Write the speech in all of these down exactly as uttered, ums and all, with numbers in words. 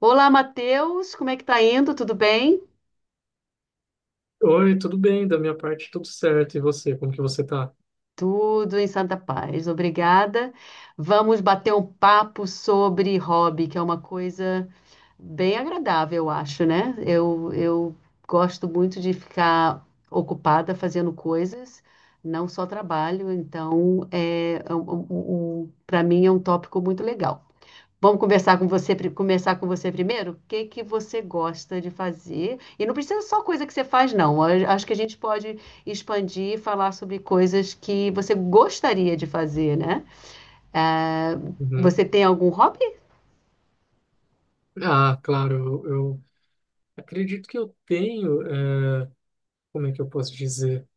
Olá, Matheus, como é que tá indo? Tudo bem? Oi, tudo bem? Da minha parte, tudo certo. E você, como que você tá? Tudo em santa paz, obrigada. Vamos bater um papo sobre hobby, que é uma coisa bem agradável, eu acho, né? Eu, eu gosto muito de ficar ocupada fazendo coisas, não só trabalho, então é, para mim é um tópico muito legal. Vamos conversar com você, pri- começar com você primeiro? O que que você gosta de fazer? E não precisa só coisa que você faz, não. A- Acho que a gente pode expandir e falar sobre coisas que você gostaria de fazer, né? Ah, Uhum. você tem algum hobby? Ah, claro, eu, eu acredito que eu tenho, eh, como é que eu posso dizer?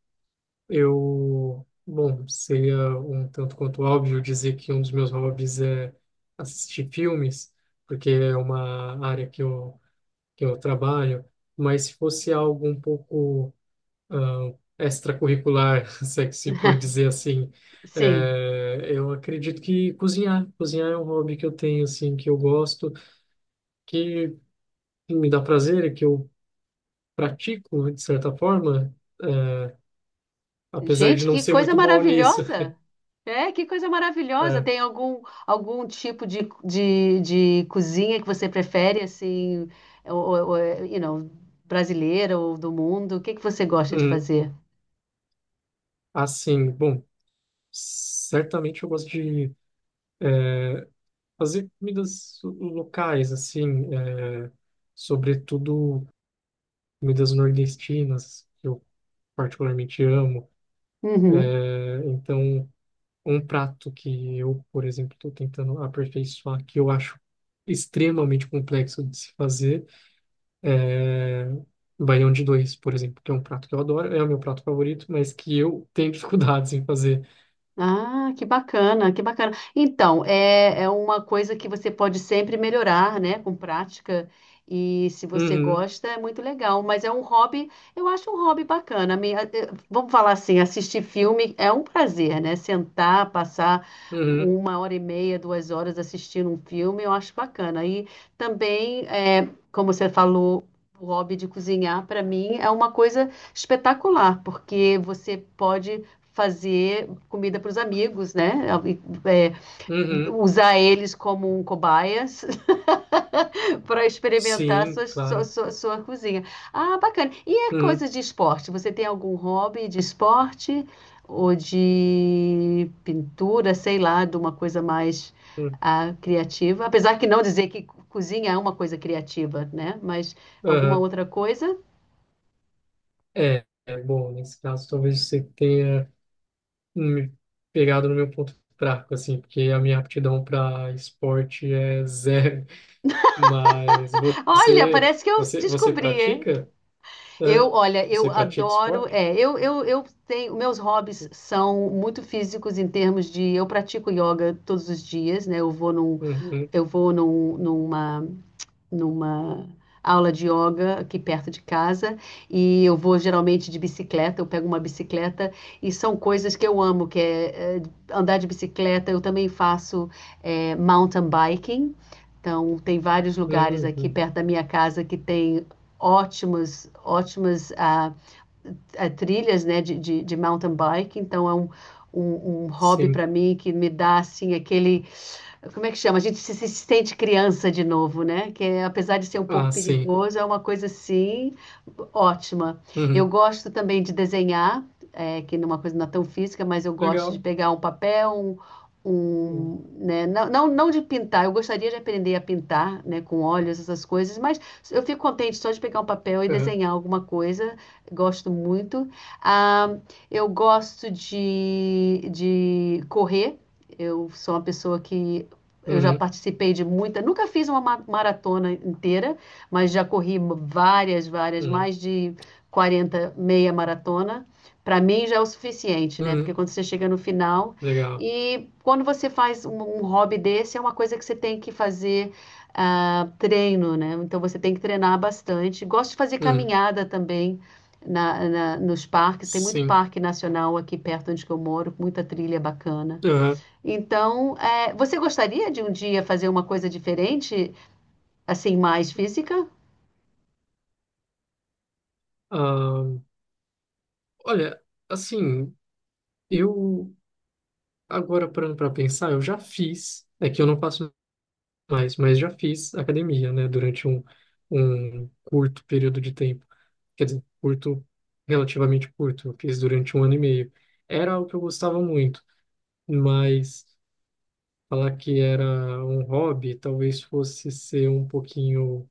Eu, bom, seria um tanto quanto óbvio dizer que um dos meus hobbies é assistir filmes, porque é uma área que eu, que eu trabalho, mas se fosse algo um pouco ah, extracurricular, se é que se pode dizer assim. Sim. É, eu acredito que cozinhar, cozinhar é um hobby que eu tenho, assim, que eu gosto, que assim, me dá prazer, que eu pratico, de certa forma, é, apesar de Gente, não que ser coisa muito bom nisso. maravilhosa! É, que coisa maravilhosa! É, Tem algum, algum tipo de, de, de cozinha que você prefere, assim, ou, ou, ou, you know, brasileira ou do mundo? O que que você gosta de hum, fazer? assim, bom, certamente eu gosto de é, fazer comidas locais, assim, é, sobretudo comidas nordestinas, que eu particularmente amo. Uhum. É, então, um prato que eu, por exemplo, estou tentando aperfeiçoar, que eu acho extremamente complexo de se fazer, é baião de dois, por exemplo, que é um prato que eu adoro, é o meu prato favorito, mas que eu tenho dificuldades em fazer. Ah, que bacana, que bacana. Então, é, é uma coisa que você pode sempre melhorar, né, com prática. E se você Uhum, gosta, é muito legal. Mas é um hobby, eu acho um hobby bacana. Me- eh, Vamos falar assim, assistir filme é um prazer, né? Sentar, passar uhum, uma hora e meia, duas horas assistindo um filme, eu acho bacana. E também, eh, como você falou, o hobby de cozinhar, para mim, é uma coisa espetacular, porque você pode fazer comida para os amigos, né? É, uhum, usar eles como um cobaias para experimentar sim, sua, sua, claro. sua, sua, cozinha. Ah, bacana. E é Uhum, coisa de esporte? Você tem algum hobby de esporte ou de pintura, sei lá, de uma coisa mais uhum, ah, criativa? Apesar que não dizer que cozinha é uma coisa criativa, né? Mas alguma aham. outra coisa? É, é, bom, nesse caso, talvez você tenha me pegado no meu ponto fraco, assim, porque a minha aptidão para esporte é zero. Mas Olha, você, parece que eu você, você descobri, hein? pratica? Eu, Aham. olha, Você eu pratica adoro. esporte? É, eu, eu, eu tenho. Meus hobbies são muito físicos em termos de. Eu pratico yoga todos os dias, né? Eu vou num, Uhum. eu vou num, numa numa aula de yoga aqui perto de casa e eu vou geralmente de bicicleta, eu pego uma bicicleta e são coisas que eu amo, que é, é andar de bicicleta, eu também faço é, mountain biking, então tem vários lugares aqui Uhum. perto da minha casa que tem ótimos, ótimas ah, é, trilhas né, de, de, de, mountain bike, então é um, um, um hobby Sim. para mim que me dá assim aquele. Como é que chama? A gente se, se sente criança de novo, né? Que é, apesar de ser um pouco Ah, sim. perigoso, é uma coisa assim ótima. Eu Uhum. gosto também de desenhar, é, que não é uma coisa não é tão física, mas eu gosto de Legal. pegar um papel, um, Uhum. um, né, não, não, não de pintar, eu gostaria de aprender a pintar, né, com óleos essas coisas, mas eu fico contente só de pegar um papel e Uhum. desenhar alguma coisa, gosto muito. Ah, eu gosto de, de correr. Eu sou uma pessoa que eu já participei de muita, nunca fiz uma ma- maratona inteira, mas já corri várias, várias, Uhum. mais de quarenta meia maratona. Para mim já é o suficiente, né? Porque Uhum. quando você chega no final Legal. e quando você faz um, um hobby desse, é uma coisa que você tem que fazer ah, treino, né? Então você tem que treinar bastante. Gosto de fazer Uhum. caminhada também na, na- nos parques. Tem muito Sim. parque nacional aqui perto onde que eu moro, muita trilha bacana. Uhum. Então, é, você gostaria de um dia fazer uma coisa diferente, assim, mais física? Ah, olha, assim, eu agora parando para pensar, eu já fiz. É que eu não faço mais, mas já fiz academia, né, durante um, um curto período de tempo. Quer dizer, curto, relativamente curto, eu fiz durante um ano e meio. Era o que eu gostava muito, mas falar que era um hobby talvez fosse ser um pouquinho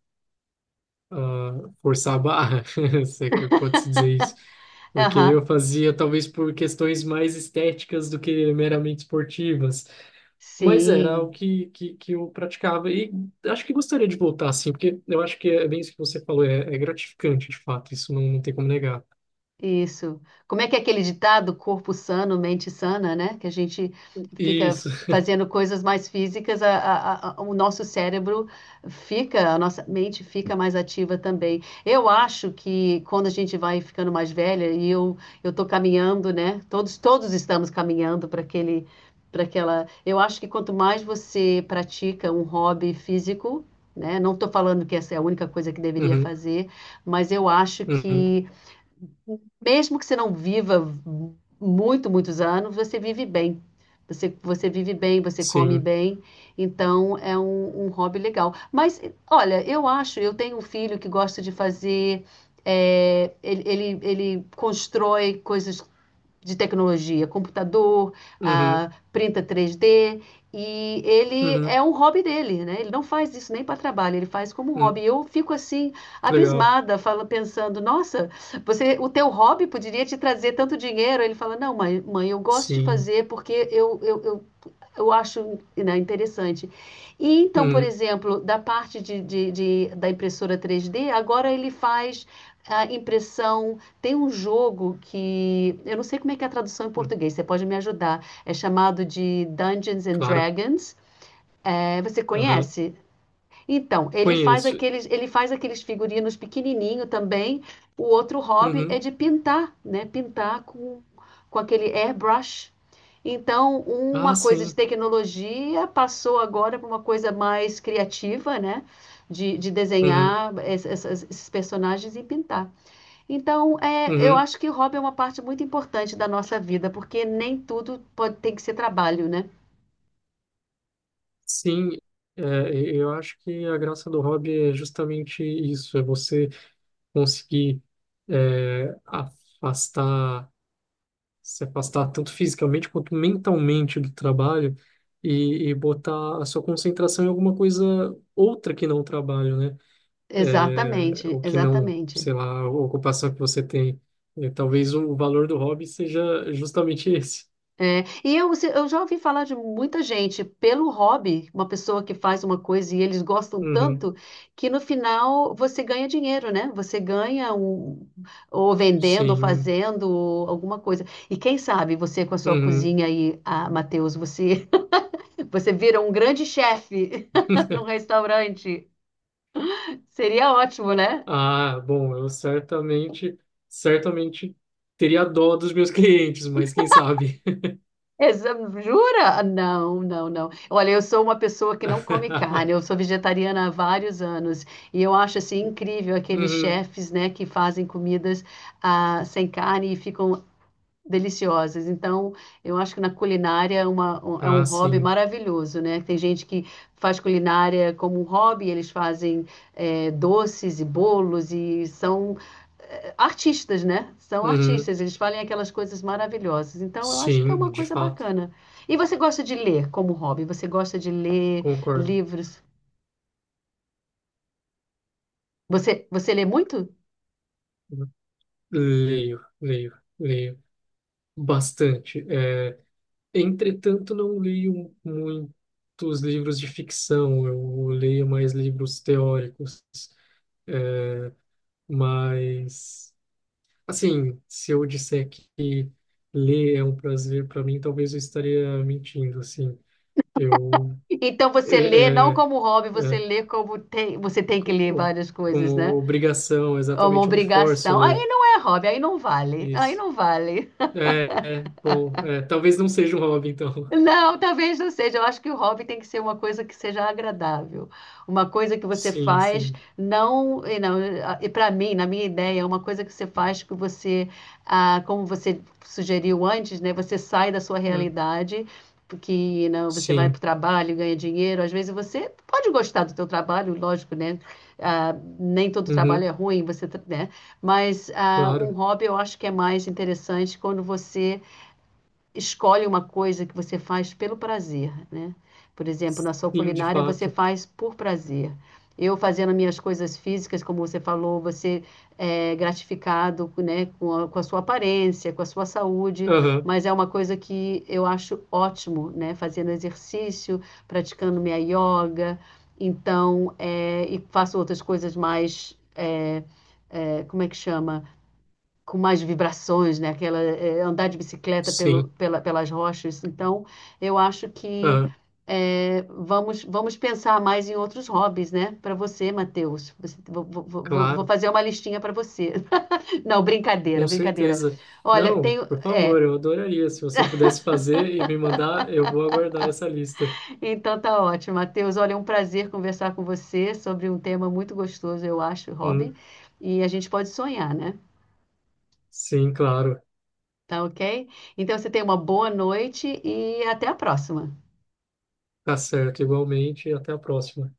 ah, forçar a barra, se é que pode-se dizer isso. Porque eu Aham, fazia talvez por questões mais estéticas do que meramente esportivas. Mas era o sim. que, que, que eu praticava e acho que gostaria de voltar, assim, porque eu acho que é bem isso que você falou, é, é gratificante, de fato, isso não, não tem como negar. Isso. Como é que é aquele ditado, corpo sano, mente sana, né? Que a gente fica Isso. fazendo coisas mais físicas, a- a- a- o nosso cérebro fica, a nossa mente fica mais ativa também. Eu acho que quando a gente vai ficando mais velha, e eu eu tô caminhando, né? Todos todos estamos caminhando para aquele para aquela. Eu acho que quanto mais você pratica um hobby físico, né? Não estou falando que essa é a única coisa que deveria Uhum, fazer, mas eu acho uhum, que mesmo que você não viva muito, muitos anos, você vive bem. Você, você vive bem, você come sim. bem, então é um, um hobby legal. Mas, olha, eu acho, eu tenho um filho que gosta de fazer, é, ele, ele, ele constrói coisas de tecnologia, computador, Uhum, ah, printa três D, e ele uhum, é um hobby dele, né? Ele não faz isso nem para trabalho, ele faz como um uhum, hobby. Eu fico assim que legal. abismada, fala, pensando, nossa, você, o teu hobby poderia te trazer tanto dinheiro. Ele fala, não, mãe, mãe, eu gosto de Sim. fazer porque eu, eu, eu eu acho, né, interessante. E então, por Uhum, exemplo, da parte de, de- de- da impressora três D, agora ele faz a impressão. Tem um jogo que eu não sei como é que é a tradução em uhum, português. Você pode me ajudar? É chamado de Dungeons and claro. Dragons. É, você Aham, conhece? Então, ele faz conheço. aqueles, ele faz aqueles figurinos pequenininho também. O outro hobby é Uhum. de pintar, né? Pintar com, com aquele airbrush. Então, Ah, uma coisa de sim. tecnologia passou agora para uma coisa mais criativa, né? De, de Uhum, desenhar es- essas- esses personagens e pintar. Então, é, eu uhum, acho que o hobby é uma parte muito importante da nossa vida, porque nem tudo pode, tem que ser trabalho, né? sim. É, e- eu acho que a graça do hobby é justamente isso, é você conseguir é, afastar se afastar tanto fisicamente quanto mentalmente do trabalho e, e botar a sua concentração em alguma coisa outra que não o trabalho, né? É, Exatamente, ou que não, exatamente. sei lá, a ocupação que você tem. E talvez o valor do hobby seja justamente esse. É, e eu, se- eu já ouvi falar de muita gente, pelo hobby, uma pessoa que faz uma coisa e eles gostam Uhum, tanto, que no final você ganha dinheiro, né? Você ganha um, ou vendendo, ou sim. fazendo, ou alguma coisa. E quem sabe você com a sua Uhum. cozinha aí, ah, Matheus, você, você vira um grande chefe num restaurante. Seria ótimo, né? Ah, bom, eu certamente, certamente teria dó dos meus clientes, mas quem sabe? Exa- Jura? Não, não, não. Olha, eu sou uma pessoa que não come carne, eu sou vegetariana há vários anos e eu acho assim incrível aqueles Uhum. chefes, né, que fazem comidas ah, sem carne e ficam deliciosas. Então, eu acho que na culinária é, uma- um- é um Ah, hobby sim. maravilhoso, né? Tem gente que faz culinária como um hobby, eles fazem eh, doces e bolos e são artistas, né? São Uhum. artistas, eles falam aquelas coisas maravilhosas. Então, eu acho que é uma Sim, de coisa fato. bacana. E você gosta de ler como hobby? Você gosta de ler Concordo. livros? Você, você lê muito? Leio, leio, leio bastante. É, entretanto, não leio muitos livros de ficção. Eu leio mais livros teóricos. É, mas, assim, se eu disser que ler é um prazer para mim, talvez eu estaria mentindo, assim. Eu, Então, você lê é, não é, como hobby, você é, lê como tem, você tem que co- ler co- várias como coisas, né? obrigação, É uma exatamente, eu me forço a obrigação. Aí ler não é hobby, aí não vale. Aí isso. não vale. É, é, bom, é, talvez não seja um hobby, então. Não, talvez não seja. Eu acho que o hobby tem que ser uma coisa que seja agradável, uma coisa que você Sim, faz sim. não e não e para mim, na minha ideia, é uma coisa que você faz que você, ah, como você sugeriu antes, né? Você sai da sua Hum, realidade, porque não, você vai para o sim. trabalho, e ganha dinheiro. Às vezes você pode gostar do teu trabalho, lógico, né? Ah, nem todo trabalho Uhum, é ruim, você, tra- né? Mas ah, um claro. hobby eu acho que é mais interessante quando você escolhe uma coisa que você faz pelo prazer, né? Por exemplo, na sua Sim, de culinária você fato. faz por prazer. Eu fazendo minhas coisas físicas, como você falou, você é gratificado, né, com a, com a sua aparência, com a sua saúde, Aham, mas é uma coisa que eu acho ótimo, né? Fazendo exercício, praticando minha yoga, então, é, e faço outras coisas mais, é, é, como é que chama? Com mais vibrações, né? Aquela, é, andar de bicicleta pelo, sim. pela, pelas rochas. Então, eu acho que Aham, é, vamos, vamos pensar mais em outros hobbies, né? Para você, Matheus. Você- Vou, vou- vou- vou claro. fazer uma listinha para você. Não, brincadeira, Com brincadeira. certeza. Olha, Não, tenho. por É, favor, eu adoraria. Se você pudesse fazer e me mandar, eu vou aguardar essa lista. então tá ótimo, Matheus. Olha, é um prazer conversar com você sobre um tema muito gostoso, eu acho, hobby. Hum, E a gente pode sonhar, né? sim, claro. Tá ok? Então você tem uma boa noite e até a próxima. Tá certo, igualmente. E até a próxima.